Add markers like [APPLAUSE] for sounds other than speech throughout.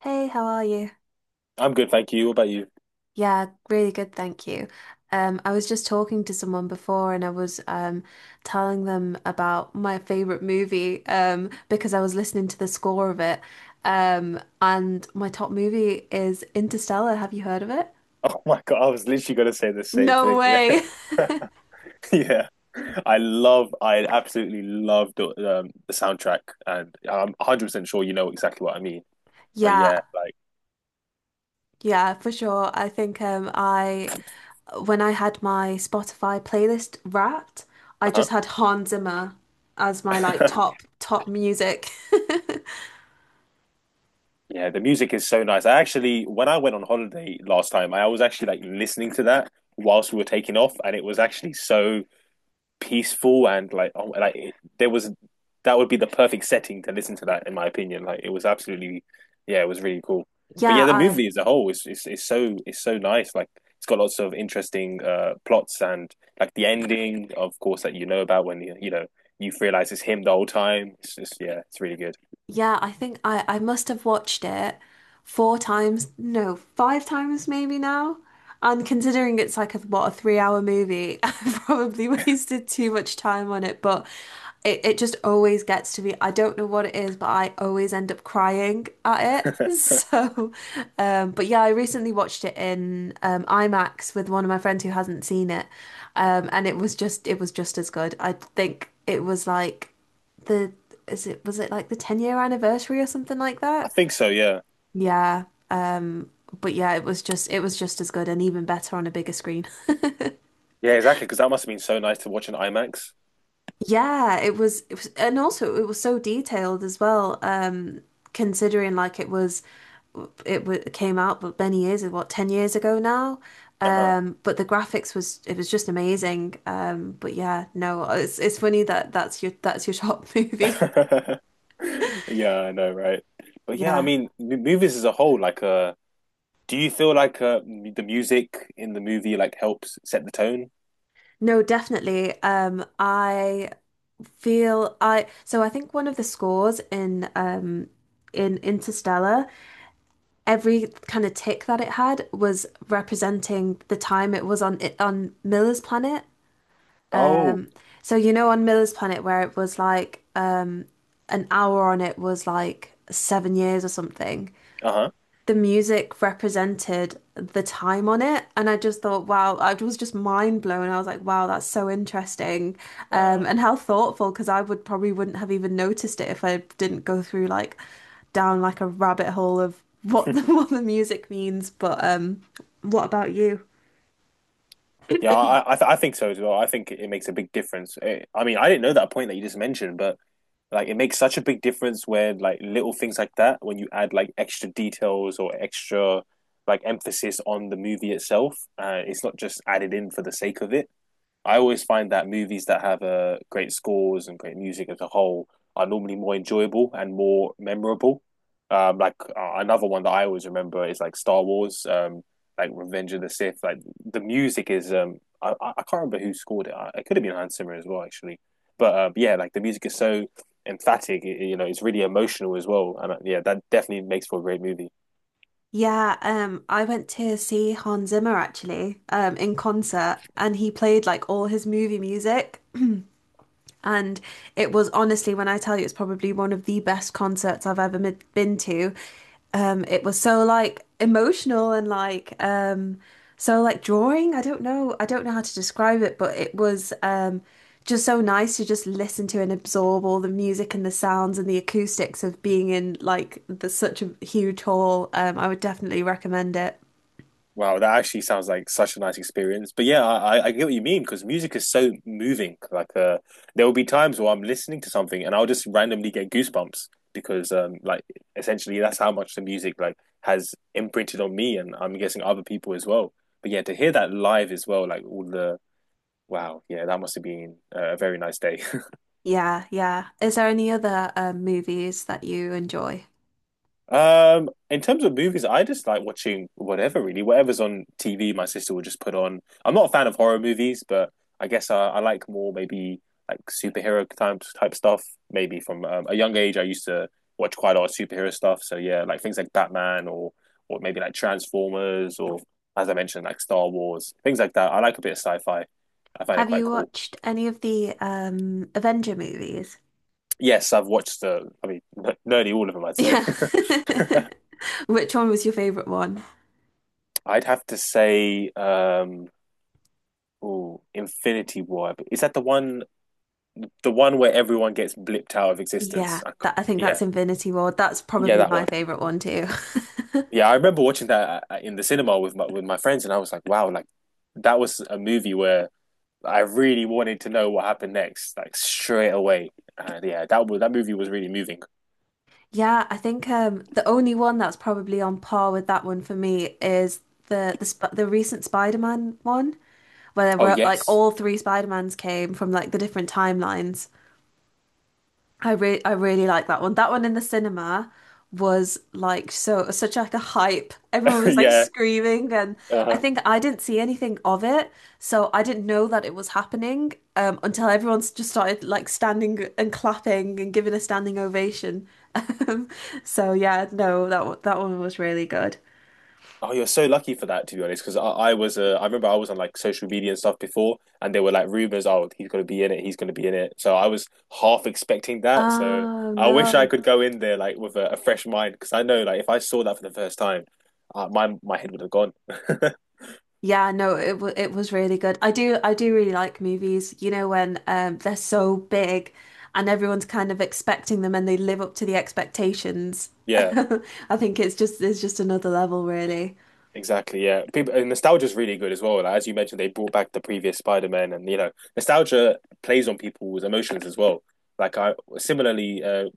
Hey, how are you? I'm good, thank you. What about you? [LAUGHS] Yeah, really good, thank you. I was just talking to someone before and I was telling them about my favorite movie because I was listening to the score of it. And my top movie is Interstellar. Have you heard of it? Oh my God, I was literally going to say the same No thing. way. [LAUGHS] [LAUGHS] Yeah. I absolutely love the soundtrack, and I'm 100% sure you know exactly what I mean. But Yeah, yeah, like, yeah, for sure. I think I when I had my Spotify playlist wrapped, I just had Hans Zimmer as my like uh-huh. top music. [LAUGHS] [LAUGHS] Yeah, the music is so nice. I actually, when I went on holiday last time, I was actually like listening to that whilst we were taking off, and it was actually so peaceful and like oh, like it, there was that would be the perfect setting to listen to that in my opinion. Like it was absolutely, yeah, it was really cool. But Yeah, yeah, the I movie as a whole is so nice. Like it's got lots of interesting plots, and like the ending, of course, that you know about when you realize it's him the whole time. It's just, yeah, it's really good. Yeah, I think I must have watched it four times, no, five times maybe now. And considering it's like a, what, a 3 hour movie, [LAUGHS] I've probably wasted too much time on it. But it just always gets to me. I don't know what it is, but I always end up crying at it. [LAUGHS] So, but yeah, I recently watched it in IMAX with one of my friends who hasn't seen it. And it was just as good. I think it was like, the is it was it like the 10-year anniversary or something like I that? think so. Yeah, Yeah. But yeah, it was just as good and even better on a bigger screen. [LAUGHS] yeah, exactly. Because that must have been so nice to watch in IMAX. Yeah, it was and also it was so detailed as well, considering like it was it w came out but many years, what, 10 years ago now. Uh But the graphics, was it was just amazing. But yeah, no, it's funny that that's your top [LAUGHS] movie. huh. [LAUGHS] Yeah, I know, right? But yeah, I Yeah. mean, movies as a whole, like, do you feel like, the music in the movie like helps set the tone? No, definitely. I feel I so I think one of the scores in Interstellar, every kind of tick that it had was representing the time it was on, it on Miller's planet. Oh, Um so you know, on Miller's planet where it was like an hour on it was like 7 years or something, uh-huh, the music represented the time on it. And I just thought, wow, I was just mind blown. I was like, wow, that's so interesting. Wow. And how thoughtful, because I would probably wouldn't have even noticed it if I didn't go through like down like a rabbit hole of what the [LAUGHS] what the music means. But what about you? Yeah, I think so as well. I think it makes a big difference. I mean, I didn't know that point that you just mentioned, but like it makes such a big difference where like little things like that when you add like extra details or extra like emphasis on the movie itself. It's not just added in for the sake of it. I always find that movies that have great scores and great music as a whole are normally more enjoyable and more memorable. Like another one that I always remember is like Star Wars, like Revenge of the Sith. Like the music is, I can't remember who scored it. It could have been Hans Zimmer as well, actually. But yeah, like the music is so emphatic. It's really emotional as well, and yeah, that definitely makes for a great movie. Yeah, I went to see Hans Zimmer actually, in concert, and he played like all his movie music. And it was honestly, when I tell you, it's probably one of the best concerts I've ever been to. It was so like emotional and like so like drawing. I don't know how to describe it, but it was just so nice to just listen to and absorb all the music and the sounds and the acoustics of being in like the, such a huge hall. I would definitely recommend it. Wow, that actually sounds like such a nice experience. But yeah, I get what you mean because music is so moving. Like, there will be times where I'm listening to something and I'll just randomly get goosebumps because, like, essentially that's how much the music like has imprinted on me, and I'm guessing other people as well. But yeah, to hear that live as well, like all the, wow, yeah, that must have been a very nice day. [LAUGHS] Yeah, yeah. Is there any other movies that you enjoy? In terms of movies, I just like watching whatever really, whatever's on TV. My sister will just put on. I'm not a fan of horror movies, but I guess I like more maybe like superhero type stuff. Maybe from a young age, I used to watch quite a lot of superhero stuff. So yeah, like things like Batman, or maybe like Transformers, or as I mentioned, like Star Wars, things like that. I like a bit of sci-fi. I find it Have quite you cool. watched any of the Avenger movies? Yes, I've watched I mean, [LAUGHS] nearly all of them, I'd say. Yeah. [LAUGHS] Which one was your favorite one? [LAUGHS] I'd have to say, oh, Infinity War. Is that the one where everyone gets blipped out of Yeah, existence? I c that, I think yeah. that's Infinity War. That's Yeah, probably that my one. favorite one too. [LAUGHS] Yeah, I remember watching that in the cinema with my friends, and I was like, wow, like that was a movie where I really wanted to know what happened next, like straight away. And yeah, that movie was really moving. Yeah, I think the only one that's probably on par with that one for me is the recent Spider-Man one where there Oh, were like yes. all three Spider-Mans came from like the different timelines. I really like that one. That one in the cinema was like so such like a hype. Everyone [LAUGHS] was like Yeah. screaming, and I Uh-huh. think I didn't see anything of it, so I didn't know that it was happening, until everyone just started like standing and clapping and giving a standing ovation. [LAUGHS] Um, so yeah, no, that one was really good. Oh, you're so lucky for that, to be honest, because I remember I was on like social media and stuff before, and there were like rumors, oh, he's gonna be in it, he's gonna be in it. So I was half expecting that. So Oh I wish I no. could go in there like with a fresh mind, because I know like if I saw that for the first time, my head would have gone. [LAUGHS] Yeah, no, it was really good. I do really like movies, you know, when they're so big and everyone's kind of expecting them and they live up to the expectations. [LAUGHS] Yeah. I think it's just another level really. Exactly, yeah. People and nostalgia's really good as well. Like, as you mentioned, they brought back the previous Spider-Man, and, nostalgia plays on people's emotions as well. Like I similarly,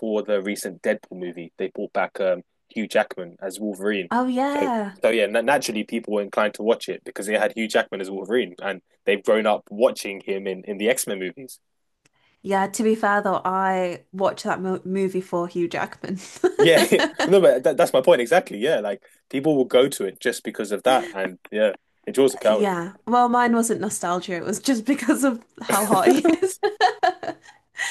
for the recent Deadpool movie, they brought back Hugh Jackman as Wolverine. Oh So, yeah. so, yeah, na naturally people were inclined to watch it because they had Hugh Jackman as Wolverine, and they've grown up watching him in the X-Men movies. Yeah, to be fair though, I watched that mo movie for Hugh Jackman. Yeah, [LAUGHS] [LAUGHS] no, but that's my point exactly. Yeah, like people will go to it just because of that, and yeah, it draws a crowd. Yeah. Well, mine wasn't nostalgia, it was just because of how hot he [LAUGHS] is.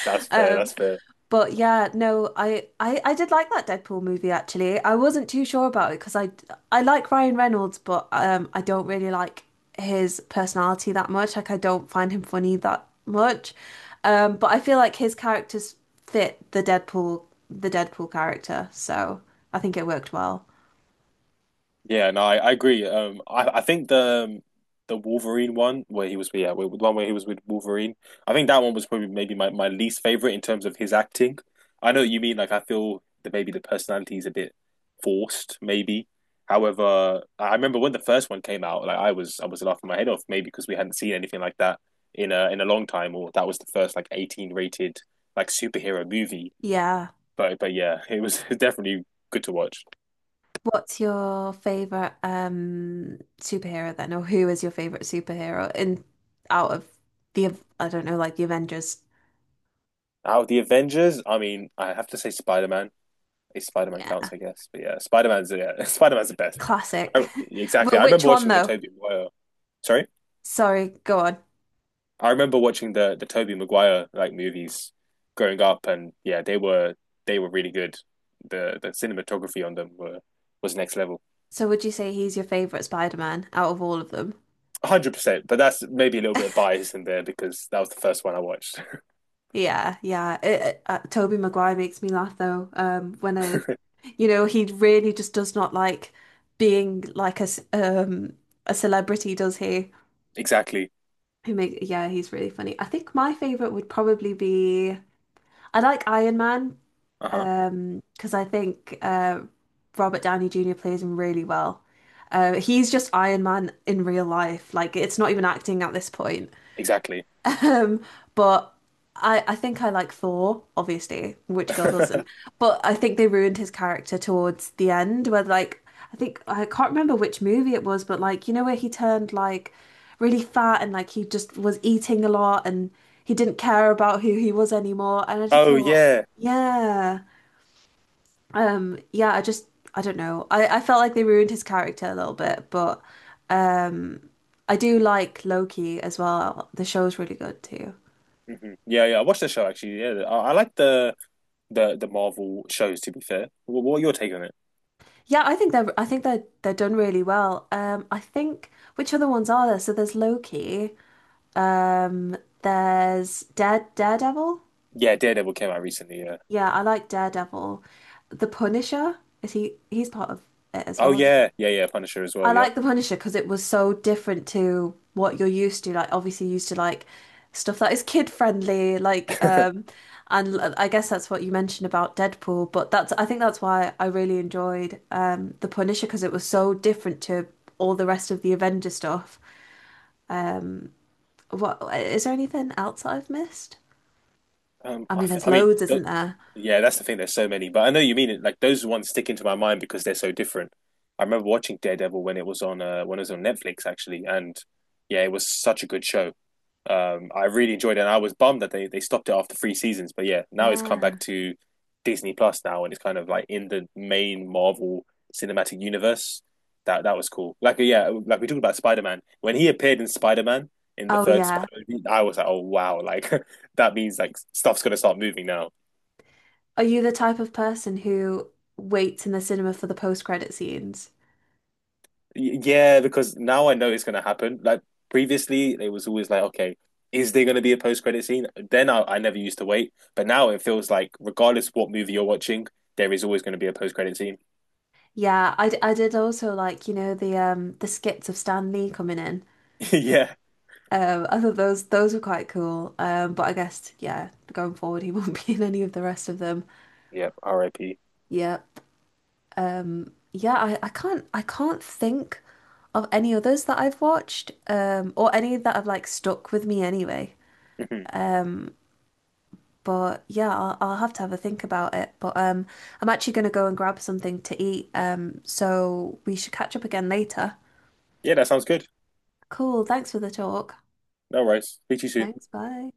That's fair. That's [LAUGHS] fair. But yeah, no, I I did like that Deadpool movie actually. I wasn't too sure about it because I like Ryan Reynolds, but I don't really like his personality that much. Like I don't find him funny that much. But I feel like his characters fit the Deadpool character, so I think it worked well. Yeah, no, I agree. I think the Wolverine one where he was, yeah, where, the one where he was with Wolverine. I think that one was probably maybe my least favorite in terms of his acting. I know what you mean, like, I feel that maybe the personality is a bit forced, maybe. However, I remember when the first one came out, like I was laughing my head off, maybe because we hadn't seen anything like that in a long time, or that was the first like 18 rated like superhero movie. Yeah. But yeah, it was [LAUGHS] definitely good to watch. What's your favorite superhero then, or who is your favorite superhero in out of the, I don't know, like the Avengers? Now, the Avengers, I mean, I have to say Spider-Man. If Spider-Man counts, I guess. But yeah, Spider-Man's, yeah, [LAUGHS] Spider-Man's the best. Classic. [LAUGHS] Exactly. But I which remember one watching the though? Tobey Maguire. Sorry? Sorry, go on. I remember watching the Tobey Maguire like movies growing up, and yeah, they were really good. The cinematography on them were was next level. So would you say he's your favorite Spider-Man out of all of them? 100%, but that's maybe a little bit of [LAUGHS] bias in there because that was the first one I watched. Yeah, yeah. Tobey Maguire makes me laugh though. When I, [LAUGHS] you know, he really just does not like being like a a celebrity, does he? Exactly. Who make, yeah, he's really funny. I think my favorite would probably be, I like Iron Man. Uh-huh. 'Cause because I think Robert Downey Jr. plays him really well. He's just Iron Man in real life. Like it's not even acting at this point. [LAUGHS] Exactly. Um, but I think I like Thor, obviously. Which girl doesn't? [LAUGHS] But I think they ruined his character towards the end, where like I think I can't remember which movie it was, but like you know where he turned like really fat and like he just was eating a lot and he didn't care about who he was anymore. And I just Oh thought, yeah. yeah. Yeah, I just, I don't know. I felt like they ruined his character a little bit, but um I do like Loki as well. The show's really good too. Hmm. Yeah, yeah. I watched the show actually. Yeah, I like the Marvel shows. To be fair, what are your take on it? Yeah, I think they're done really well. I think which other ones are there? So there's Loki, um there's Daredevil. Yeah, Daredevil came out recently. Yeah. Yeah, I like Daredevil. The Punisher, is he he's part of it as Oh well. yeah, yeah, yeah. Punisher as I well. Yeah. like The Punisher because it was so different to what you're used to. Like, obviously, you're used to like stuff that is kid friendly, like, and I guess that's what you mentioned about Deadpool. But that's, I think that's why I really enjoyed, The Punisher, because it was so different to all the rest of the Avenger stuff. Um, what, is there anything else that I've missed? I mean, there's I mean, loads, th isn't there? yeah, that's the thing. There's so many, but I know you mean it. Like those ones stick into my mind because they're so different. I remember watching Daredevil when it was on Netflix actually, and yeah, it was such a good show. I really enjoyed it, and I was bummed that they stopped it after three seasons. But yeah, now it's come Yeah. back to Disney Plus now, and it's kind of like in the main Marvel cinematic universe. That was cool. Like yeah, like we talked about Spider Man when he appeared in Spider Man in the Oh third yeah. Spider Man, I was like, oh wow, like [LAUGHS] that means like stuff's gonna start moving now. Are you the type of person who waits in the cinema for the post-credit scenes? Yeah, because now I know it's gonna happen. Like previously, it was always like, okay, is there gonna be a post credit scene? Then I never used to wait, but now it feels like regardless of what movie you're watching, there is always gonna be a post credit scene. Yeah, I did also like, you know, the skits of Stan Lee coming in. [LAUGHS] Yeah. I thought those were quite cool. But I guess, yeah, going forward he won't [LAUGHS] be in any of the rest of them. Yep. R.I.P. Yep. Yeah, I can't think of any others that I've watched, or any that have like stuck with me anyway. Mhm. [LAUGHS] Um, but yeah, I'll have to have a think about it. But I'm actually gonna go and grab something to eat. So we should catch up again later. Yeah, that sounds good. Cool, thanks for the talk. No worries. Speak to you soon. Thanks. Bye.